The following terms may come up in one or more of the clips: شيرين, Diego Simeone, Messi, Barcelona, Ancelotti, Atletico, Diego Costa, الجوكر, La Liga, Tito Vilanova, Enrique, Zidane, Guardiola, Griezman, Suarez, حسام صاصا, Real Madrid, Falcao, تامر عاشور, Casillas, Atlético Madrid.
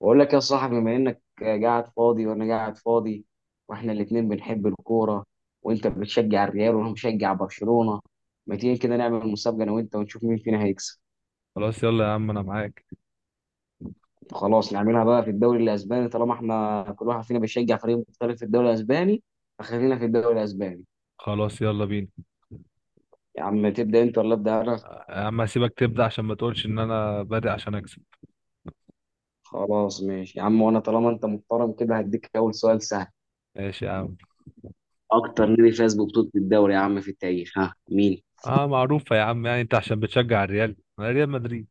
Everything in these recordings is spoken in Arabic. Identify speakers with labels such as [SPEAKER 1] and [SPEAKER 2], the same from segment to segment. [SPEAKER 1] بقول لك يا صاحبي، بما انك قاعد فاضي وانا قاعد فاضي، واحنا الاتنين بنحب الكوره، وانت بتشجع الريال وانا مشجع برشلونه. ما تيجي كده نعمل مسابقه انا وانت ونشوف مين فينا هيكسب؟
[SPEAKER 2] خلاص، يلا يا عم، انا معاك.
[SPEAKER 1] خلاص نعملها بقى في الدوري الاسباني، طالما احنا كل واحد فينا بيشجع فريق مختلف في الدوري الاسباني، فخلينا في الدوري الاسباني.
[SPEAKER 2] خلاص، يلا بينا.
[SPEAKER 1] يا عم تبدا انت ولا ابدا انا؟
[SPEAKER 2] يا عم، هسيبك تبدأ عشان ما تقولش ان انا بادئ عشان اكسب.
[SPEAKER 1] خلاص ماشي يا عم، وانا طالما انت محترم كده هديك اول سؤال سهل.
[SPEAKER 2] ماشي يا عم.
[SPEAKER 1] اكتر نادي فاز ببطوله الدوري يا عم في التاريخ، ها مين؟
[SPEAKER 2] اه، معروفة يا عم. يعني انت عشان بتشجع الريال، انا ريال مدريد.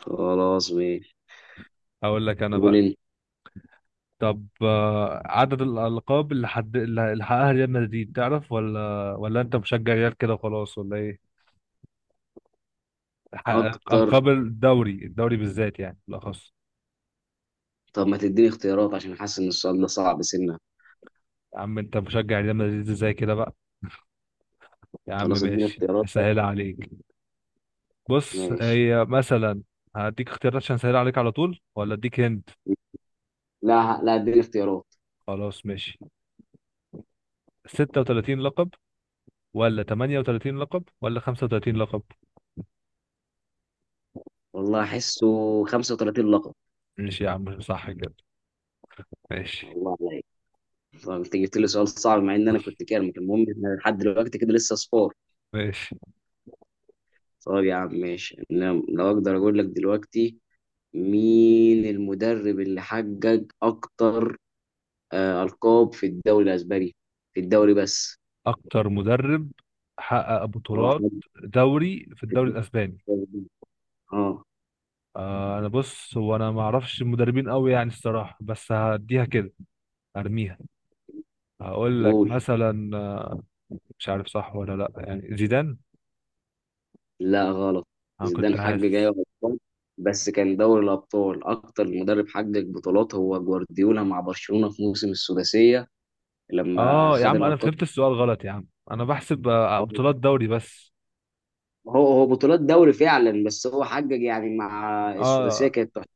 [SPEAKER 1] خلاص ماشي.
[SPEAKER 2] اقول لك انا
[SPEAKER 1] قول
[SPEAKER 2] بقى.
[SPEAKER 1] انت.
[SPEAKER 2] طب عدد الألقاب اللي حد اللي اللي حققها ريال مدريد، تعرف ولا انت مشجع ريال كده وخلاص، ولا ايه؟ حقق
[SPEAKER 1] اكتر.
[SPEAKER 2] ألقاب الدوري بالذات، يعني بالأخص.
[SPEAKER 1] طب ما تديني اختيارات عشان حاسس ان السؤال ده صعب، سنة.
[SPEAKER 2] يا عم انت مشجع ريال مدريد ازاي كده بقى؟ يا عم
[SPEAKER 1] خلاص اديني
[SPEAKER 2] ماشي،
[SPEAKER 1] اختيارات.
[SPEAKER 2] هسهلها عليك. بص،
[SPEAKER 1] ماشي.
[SPEAKER 2] هي مثلا. هديك اختيارات عشان اسهل عليك على طول، ولا اديك هند؟
[SPEAKER 1] لا لا، اديني اختيارات.
[SPEAKER 2] خلاص ماشي. 36 لقب، ولا 38 لقب، ولا 35 لقب؟
[SPEAKER 1] والله احسه 35 لقب.
[SPEAKER 2] ماشي يا عم، صح كده. ماشي.
[SPEAKER 1] والله عليك. طب انت جبت لي سؤال صعب مع ان انا كنت كارمك. المهم احنا لحد دلوقتي كده لسه صفار.
[SPEAKER 2] ماشي.
[SPEAKER 1] طب يا عم ماشي، انا لو اقدر اقول لك دلوقتي مين المدرب اللي حقق اكتر، القاب في الدوري الاسباني، في الدوري بس.
[SPEAKER 2] اكتر مدرب حقق
[SPEAKER 1] اه
[SPEAKER 2] بطولات
[SPEAKER 1] حقق.
[SPEAKER 2] في الدوري الاسباني.
[SPEAKER 1] اه.
[SPEAKER 2] انا بص، هو انا ما اعرفش المدربين قوي يعني الصراحه، بس هديها كده. ارميها. هقول لك
[SPEAKER 1] قول.
[SPEAKER 2] مثلا. مش عارف صح ولا لا، يعني زيدان.
[SPEAKER 1] لا غلط.
[SPEAKER 2] انا كنت
[SPEAKER 1] زيدان حقق ايوه
[SPEAKER 2] حاسس.
[SPEAKER 1] بطولات، بس كان دوري الابطال. اكتر مدرب حقق بطولات هو جوارديولا مع برشلونه في موسم السداسيه لما
[SPEAKER 2] اه يا
[SPEAKER 1] خد
[SPEAKER 2] عم، انا
[SPEAKER 1] الالقاب.
[SPEAKER 2] فهمت السؤال غلط. يا عم انا بحسب بطولات دوري بس.
[SPEAKER 1] هو بطولات دوري فعلا، بس هو حقق يعني مع السداسيه
[SPEAKER 2] اه،
[SPEAKER 1] كانت تحفة.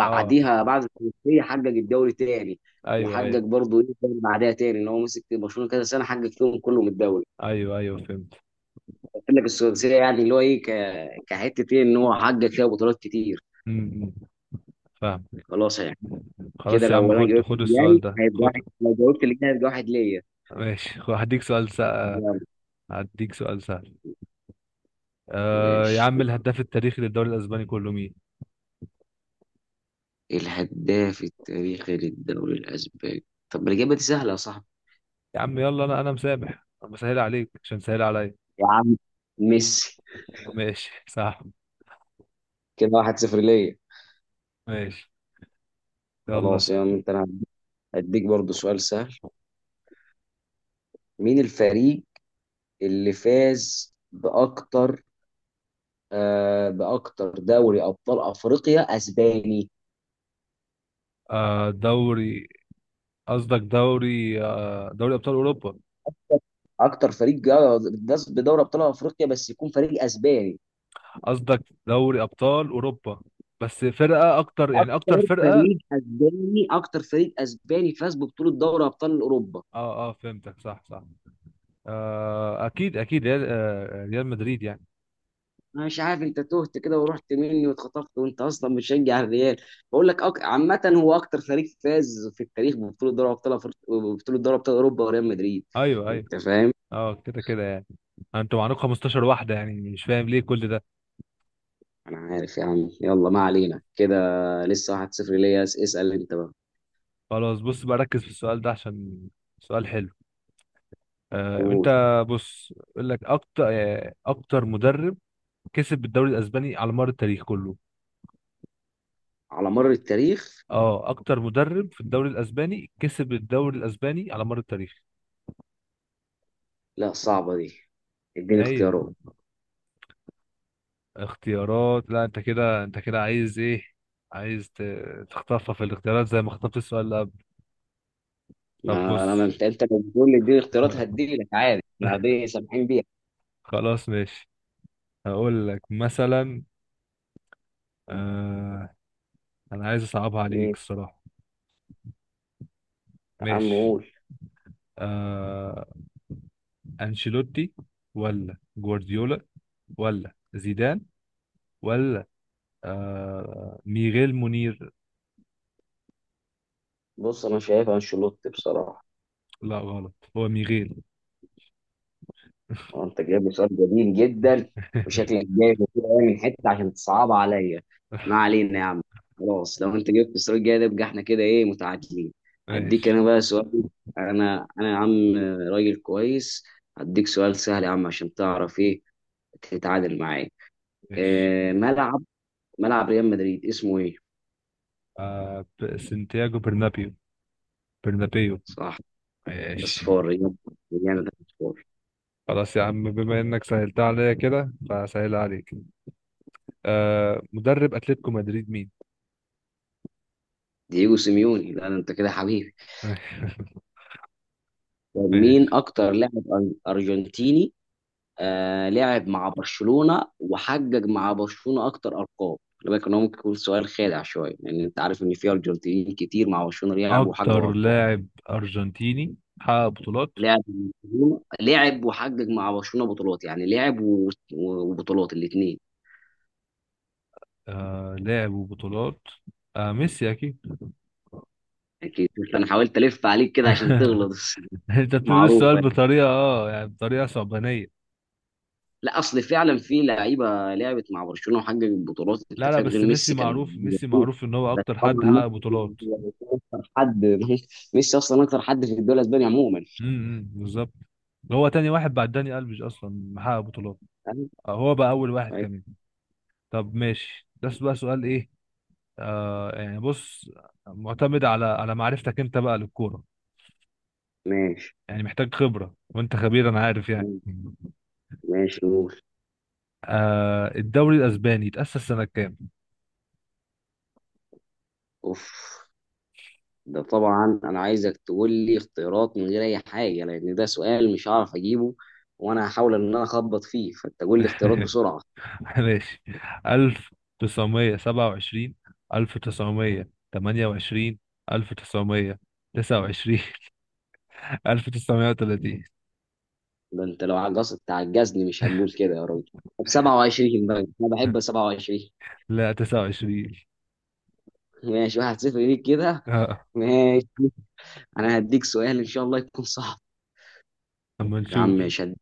[SPEAKER 2] اه.
[SPEAKER 1] بعد السداسيه حقق الدوري تاني،
[SPEAKER 2] ايوه،
[SPEAKER 1] وحقق
[SPEAKER 2] ايوه.
[SPEAKER 1] برضه ايه تاني بعدها تاني، ان هو مسك برشلونه كذا سنه حقق فيهم كلهم الدوري.
[SPEAKER 2] ايوه، ايوه، فهمت.
[SPEAKER 1] قلت لك السداسيه يعني اللي هو ايه كحته، ايه، ان هو حقق فيها بطولات كتير.
[SPEAKER 2] امم فاهم.
[SPEAKER 1] خلاص يعني. كده
[SPEAKER 2] خلاص يا عم،
[SPEAKER 1] لو انا
[SPEAKER 2] خد
[SPEAKER 1] جاوبت
[SPEAKER 2] خد
[SPEAKER 1] اللي
[SPEAKER 2] السؤال
[SPEAKER 1] جاي
[SPEAKER 2] ده،
[SPEAKER 1] هيبقى
[SPEAKER 2] خد.
[SPEAKER 1] واحد، لو جاوبت اللي جاي هيبقى واحد ليا.
[SPEAKER 2] ماشي، هديك سؤال سهل.
[SPEAKER 1] يلا.
[SPEAKER 2] هديك سؤال سهل. يا
[SPEAKER 1] ماشي.
[SPEAKER 2] عم، الهداف التاريخي للدوري الاسباني كله مين؟
[SPEAKER 1] الهداف التاريخي للدوري الأسباني؟ طب ما الإجابة دي سهلة يا صاحبي.
[SPEAKER 2] يا عم يلا، انا مسامح، انا بسهل عليك عشان سهل عليا.
[SPEAKER 1] يا عم ميسي.
[SPEAKER 2] ماشي صح.
[SPEAKER 1] كده واحد صفر ليا.
[SPEAKER 2] ماشي. يلا
[SPEAKER 1] خلاص يا عم،
[SPEAKER 2] سهل.
[SPEAKER 1] انت انا هديك برضو سؤال سهل. مين الفريق اللي فاز بأكتر، بأكتر دوري أبطال أفريقيا أسباني.
[SPEAKER 2] آه دوري قصدك دوري ابطال اوروبا.
[SPEAKER 1] أكتر فريق جا- فاز بدوري أبطال أفريقيا بس يكون فريق أسباني.
[SPEAKER 2] قصدك دوري ابطال اوروبا، بس فرقه اكتر يعني اكتر
[SPEAKER 1] اكتر
[SPEAKER 2] فرقه.
[SPEAKER 1] فريق اسباني، اكتر فريق اسباني فاز ببطوله دوري ابطال اوروبا.
[SPEAKER 2] اه، اه، فهمتك، صح، صح. اكيد، اكيد، ريال مدريد يعني.
[SPEAKER 1] انا مش عارف انت تهت كده ورحت مني واتخطفت، وانت اصلا بتشجع الريال. بقول لك عامه هو اكتر فريق فاز في التاريخ ببطوله دوري ببطوله دوري ابطال اوروبا وريال مدريد.
[SPEAKER 2] ايوه، ايوه.
[SPEAKER 1] انت فاهم؟
[SPEAKER 2] اه، كده كده يعني. انتوا معاكم 15 واحده يعني، مش فاهم ليه كل ده.
[SPEAKER 1] انا عارف يا عم، يلا ما علينا كده. لسه 1-0 ليا. اسال انت بقى.
[SPEAKER 2] خلاص بص بقى، ركز في السؤال ده عشان سؤال حلو. انت
[SPEAKER 1] قول.
[SPEAKER 2] بص، يقول لك اكتر مدرب كسب الدوري الاسباني على مر التاريخ كله.
[SPEAKER 1] على مر التاريخ.
[SPEAKER 2] اه، اكتر مدرب في الدوري الاسباني كسب الدوري الاسباني على مر التاريخ.
[SPEAKER 1] لا صعبه دي، اديني
[SPEAKER 2] ما هي
[SPEAKER 1] اختيارات.
[SPEAKER 2] اختيارات، لا انت كده، انت كده عايز ايه؟ عايز تخطفها في الاختيارات زي ما خطفت السؤال اللي قبل. طب
[SPEAKER 1] ما انا
[SPEAKER 2] بص
[SPEAKER 1] انت، لو بتقول لي اديني اختيارات هديلك عادي، احنا دي سامحين بيها.
[SPEAKER 2] خلاص ماشي. هقول لك مثلا. آه انا عايز اصعبها عليك الصراحة.
[SPEAKER 1] عم
[SPEAKER 2] ماشي.
[SPEAKER 1] قول.
[SPEAKER 2] آه انشيلوتي، ولا جوارديولا، ولا زيدان، ولا ميغيل منير.
[SPEAKER 1] بص انا شايف انشيلوتي بصراحه.
[SPEAKER 2] لا غلط، هو ميغيل.
[SPEAKER 1] هو انت جايب لي سؤال جميل جدا، وشكلك جايب كتير قوي من حته عشان تصعب عليا. ما علينا يا عم. خلاص لو انت جبت السؤال الجاي ده، يبقى احنا كده ايه، متعادلين. هديك
[SPEAKER 2] ماشي.
[SPEAKER 1] انا بقى سؤال. انا يا عم راجل كويس، هديك سؤال سهل يا عم عشان تعرف ايه، تتعادل معايا.
[SPEAKER 2] ماشي
[SPEAKER 1] إيه ملعب، ملعب ريال مدريد اسمه ايه؟
[SPEAKER 2] سانتياغو برنابيو. برنابيو.
[SPEAKER 1] صح.
[SPEAKER 2] ماشي.
[SPEAKER 1] اصفار ريال، ريال ده اصفار.
[SPEAKER 2] خلاص يا عم، بما انك سهلتها عليا كده فسهلها عليك. مدرب اتلتيكو مدريد مين؟
[SPEAKER 1] دييجو سيميوني، لا ده انت كده حبيبي. طب مين
[SPEAKER 2] ماشي.
[SPEAKER 1] اكتر لاعب ارجنتيني، لعب مع برشلونة وحقق مع برشلونة اكتر ارقام. خلي بالك ان هو ممكن يكون سؤال خادع شويه، لان انت عارف ان في ارجنتينيين كتير مع برشلونة لعبوا
[SPEAKER 2] اكتر
[SPEAKER 1] وحققوا ارقام.
[SPEAKER 2] لاعب ارجنتيني حقق بطولات.
[SPEAKER 1] لعب، لعب وحقق مع برشلونة بطولات، يعني لعب وبطولات الاثنين.
[SPEAKER 2] لاعب وبطولات. ميسي اكيد.
[SPEAKER 1] اكيد. انا حاولت الف عليك كده عشان تغلط
[SPEAKER 2] انت بتقول السؤال
[SPEAKER 1] معروفة.
[SPEAKER 2] بطريقه يعني بطريقه صعبانيه.
[SPEAKER 1] لا اصل فعلا في لعيبه لعبت مع برشلونه وحققت بطولات انت
[SPEAKER 2] لا، لا،
[SPEAKER 1] فاهم، غير
[SPEAKER 2] بس ميسي
[SPEAKER 1] ميسي كانوا
[SPEAKER 2] معروف، ميسي
[SPEAKER 1] موجودين.
[SPEAKER 2] معروف ان هو
[SPEAKER 1] بس
[SPEAKER 2] اكتر
[SPEAKER 1] طبعا
[SPEAKER 2] حد حقق
[SPEAKER 1] ميسي
[SPEAKER 2] بطولات.
[SPEAKER 1] هو اكتر حد ميسي اصلا اكتر حد في الدوري الاسباني عموما.
[SPEAKER 2] بالظبط. هو تاني واحد بعد داني الفيش اصلا محقق بطولات
[SPEAKER 1] فاهم؟
[SPEAKER 2] آه، هو بقى اول واحد
[SPEAKER 1] طيب.
[SPEAKER 2] كمان. طب ماشي، ده بقى سؤال ايه. يعني بص، معتمد على معرفتك انت بقى للكوره.
[SPEAKER 1] ماشي.
[SPEAKER 2] يعني محتاج خبره، وانت خبير، انا عارف يعني.
[SPEAKER 1] ماشي قول.
[SPEAKER 2] الدوري الاسباني اتاسس سنه كام؟
[SPEAKER 1] اوف. ده طبعا انا عايزك تقول لي اختيارات من غير اي حاجه، لان ده سؤال مش هعرف اجيبه، وانا هحاول ان انا اخبط فيه، فانت قول لي اختيارات بسرعه.
[SPEAKER 2] ماشي. 1927، 1928، 1929، 1930.
[SPEAKER 1] ده انت لو عجزت تعجزني مش هنقول كده يا راجل. طب 27 بقى، انا بحب 27.
[SPEAKER 2] لا، 29.
[SPEAKER 1] ماشي، واحد صفر ليك كده.
[SPEAKER 2] اه.
[SPEAKER 1] ماشي. انا هديك سؤال ان شاء الله يكون صعب.
[SPEAKER 2] اما
[SPEAKER 1] يا
[SPEAKER 2] نشوف.
[SPEAKER 1] عم مش هد...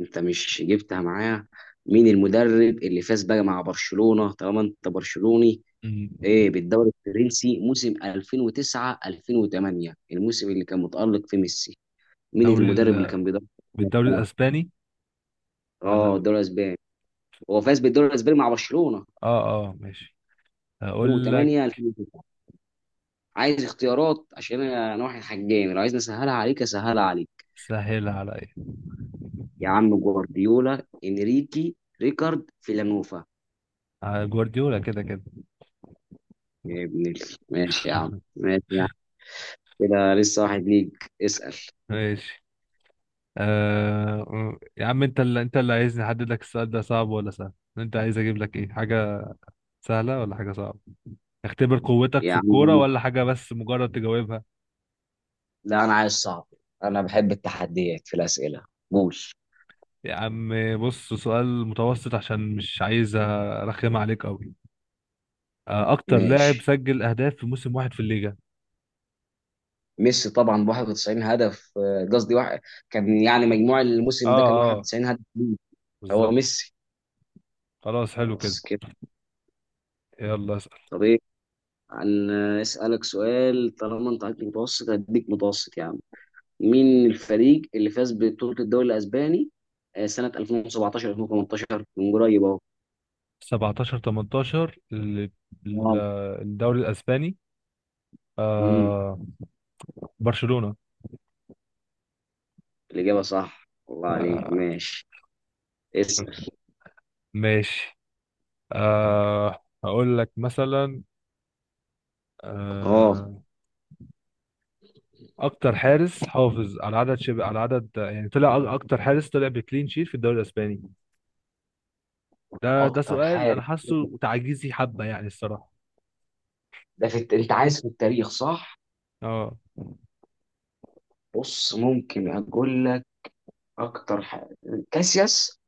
[SPEAKER 1] انت مش جبتها معايا. مين المدرب اللي فاز بقى مع برشلونة طالما انت برشلوني،
[SPEAKER 2] أمم.
[SPEAKER 1] ايه، بالدوري الفرنسي موسم 2009 2008، الموسم اللي كان متألق فيه ميسي؟ مين
[SPEAKER 2] دوري ال...
[SPEAKER 1] المدرب اللي كان بيدرب
[SPEAKER 2] بالدوري
[SPEAKER 1] برشلونة؟
[SPEAKER 2] الاسباني ولا
[SPEAKER 1] اه
[SPEAKER 2] ب-
[SPEAKER 1] الدوري الاسباني. هو فاز بالدوري الاسباني مع برشلونة
[SPEAKER 2] اه، اه، ماشي. هقول لك.
[SPEAKER 1] 2008 2009. عايز اختيارات عشان انا واحد حجامي، لو عايز اسهلها عليك اسهلها عليك.
[SPEAKER 2] سهل عليا.
[SPEAKER 1] يا عم، جوارديولا، انريكي، ريكارد، فيلانوفا.
[SPEAKER 2] جوارديولا كده كده.
[SPEAKER 1] ماشي يا عم، ماشي يا عم. كده لسه واحد ليك. اسأل.
[SPEAKER 2] ماشي. يا عم، انت اللي عايزني احدد لك السؤال ده صعب ولا سهل. انت عايز اجيب لك ايه، حاجة سهلة ولا حاجة صعبة؟ اختبر قوتك
[SPEAKER 1] يا
[SPEAKER 2] في الكورة،
[SPEAKER 1] عم
[SPEAKER 2] ولا حاجة بس مجرد تجاوبها.
[SPEAKER 1] لا انا عايز صعب، انا بحب التحديات في الأسئلة. قول.
[SPEAKER 2] يا عم بص، سؤال متوسط عشان مش عايز ارخم عليك قوي. اكتر لاعب
[SPEAKER 1] ماشي.
[SPEAKER 2] سجل اهداف في موسم واحد في الليجا.
[SPEAKER 1] ميسي طبعا ب 91 هدف، قصدي واحد، كان يعني مجموع
[SPEAKER 2] اه،
[SPEAKER 1] الموسم ده كان
[SPEAKER 2] اه،
[SPEAKER 1] 91 هدف ليه. هو
[SPEAKER 2] بالظبط.
[SPEAKER 1] ميسي.
[SPEAKER 2] خلاص حلو كده.
[SPEAKER 1] خلاص كده.
[SPEAKER 2] يلا اسأل.
[SPEAKER 1] طب ايه، اسالك سؤال، طالما انت عندك متوسط هديك متوسط يعني. من الفريق اللي فاز ببطولة الدوري الأسباني، سنة 2017 2018، من قريب أهو؟
[SPEAKER 2] 17، 18 ل-
[SPEAKER 1] واو.
[SPEAKER 2] الدوري الاسباني.
[SPEAKER 1] امم.
[SPEAKER 2] آه... برشلونة
[SPEAKER 1] الإجابة صح الله عليك.
[SPEAKER 2] آه،
[SPEAKER 1] ماشي. اسأل.
[SPEAKER 2] ماشي. هقول لك مثلا.
[SPEAKER 1] اه.
[SPEAKER 2] أه اكتر حارس حافظ على عدد يعني طلع، اكتر حارس طلع بكلين شيت في الدوري الاسباني. ده
[SPEAKER 1] أكتر
[SPEAKER 2] سؤال
[SPEAKER 1] حاجة.
[SPEAKER 2] انا حاسه تعجيزي حبة يعني الصراحة.
[SPEAKER 1] ده في أنت عايز في التاريخ صح؟
[SPEAKER 2] اه.
[SPEAKER 1] بص ممكن أقول لك أكتر حاجة، كاسياس.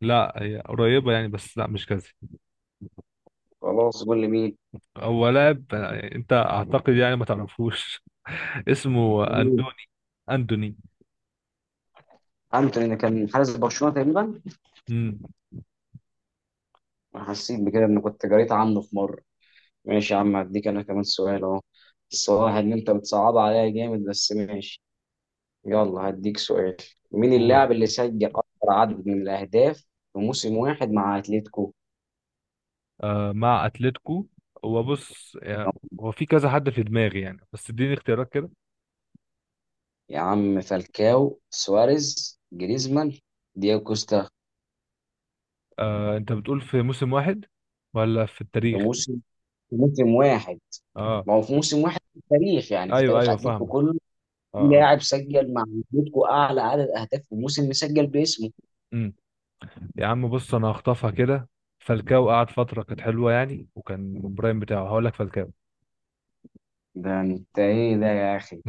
[SPEAKER 2] لا، هي قريبة يعني، بس لا مش كذا.
[SPEAKER 1] خلاص قول لي مين؟
[SPEAKER 2] هو لاعب، انت اعتقد يعني ما تعرفوش. اسمه
[SPEAKER 1] مين؟
[SPEAKER 2] اندوني. اندوني.
[SPEAKER 1] أنتوني اللي كان حارس برشلونة تقريبا.
[SPEAKER 2] امم
[SPEAKER 1] أنا حسيت بكده إن كنت قريت عنه في مرة. ماشي يا عم، هديك أنا كمان سؤال أهو، بس هو واحد إن أنت بتصعب عليا جامد بس ماشي. يلا هديك سؤال. مين
[SPEAKER 2] قول.
[SPEAKER 1] اللاعب اللي سجل أكثر عدد من الأهداف في موسم واحد مع أتلتيكو؟
[SPEAKER 2] مع اتلتيكو. هو بص يعني، هو في كذا حد في دماغي يعني، بس اديني اختيارات كده.
[SPEAKER 1] يا عم، فالكاو، سواريز، جريزمان، دياغو كوستا.
[SPEAKER 2] انت بتقول في موسم واحد ولا في
[SPEAKER 1] في
[SPEAKER 2] التاريخ؟
[SPEAKER 1] موسم، في موسم واحد.
[SPEAKER 2] اه،
[SPEAKER 1] ما هو في موسم واحد في التاريخ يعني، في
[SPEAKER 2] ايوه،
[SPEAKER 1] تاريخ
[SPEAKER 2] ايوه،
[SPEAKER 1] أتلتيكو
[SPEAKER 2] فاهمك.
[SPEAKER 1] كله. في
[SPEAKER 2] اه، اه.
[SPEAKER 1] لاعب سجل مع أتلتيكو أعلى عدد أهداف في موسم مسجل باسمه.
[SPEAKER 2] امم يا عم بص، انا هخطفها كده. فالكاو قعد فتره كانت حلوه يعني، وكان البرايم بتاعه. هقول لك فالكاو.
[SPEAKER 1] ده أنت إيه ده يا أخي؟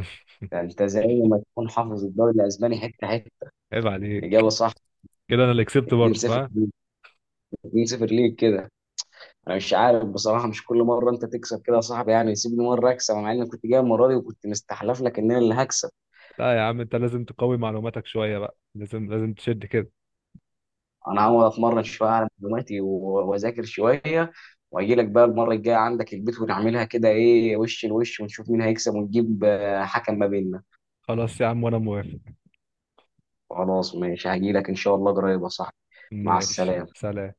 [SPEAKER 1] ده أنت زي ما تكون حافظ الدوري الأسباني حتة حتة.
[SPEAKER 2] عيب عليك.
[SPEAKER 1] الإجابة صح.
[SPEAKER 2] كده انا اللي كسبت برضه،
[SPEAKER 1] 2-0
[SPEAKER 2] فاهم.
[SPEAKER 1] ليك. 2-0 ليك كده. انا مش عارف بصراحه، مش كل مره انت تكسب كده يا صاحبي يعني، سيبني مره اكسب مع اني كنت جاي المره دي وكنت مستحلف لك ان انا اللي هكسب.
[SPEAKER 2] لا يا عم، انت لازم تقوي معلوماتك شويه بقى. لازم، لازم تشد كده.
[SPEAKER 1] انا هقعد اتمرن شويه على معلوماتي واذاكر شويه، واجي لك بقى المره الجايه عندك البيت ونعملها كده ايه، وش لوش، ونشوف مين هيكسب، ونجيب حكم ما بيننا.
[SPEAKER 2] خلاص يا عم، وانا موافق.
[SPEAKER 1] خلاص ماشي، هجي لك ان شاء الله قريب يا صاحبي. مع
[SPEAKER 2] ماشي،
[SPEAKER 1] السلامه.
[SPEAKER 2] سلام.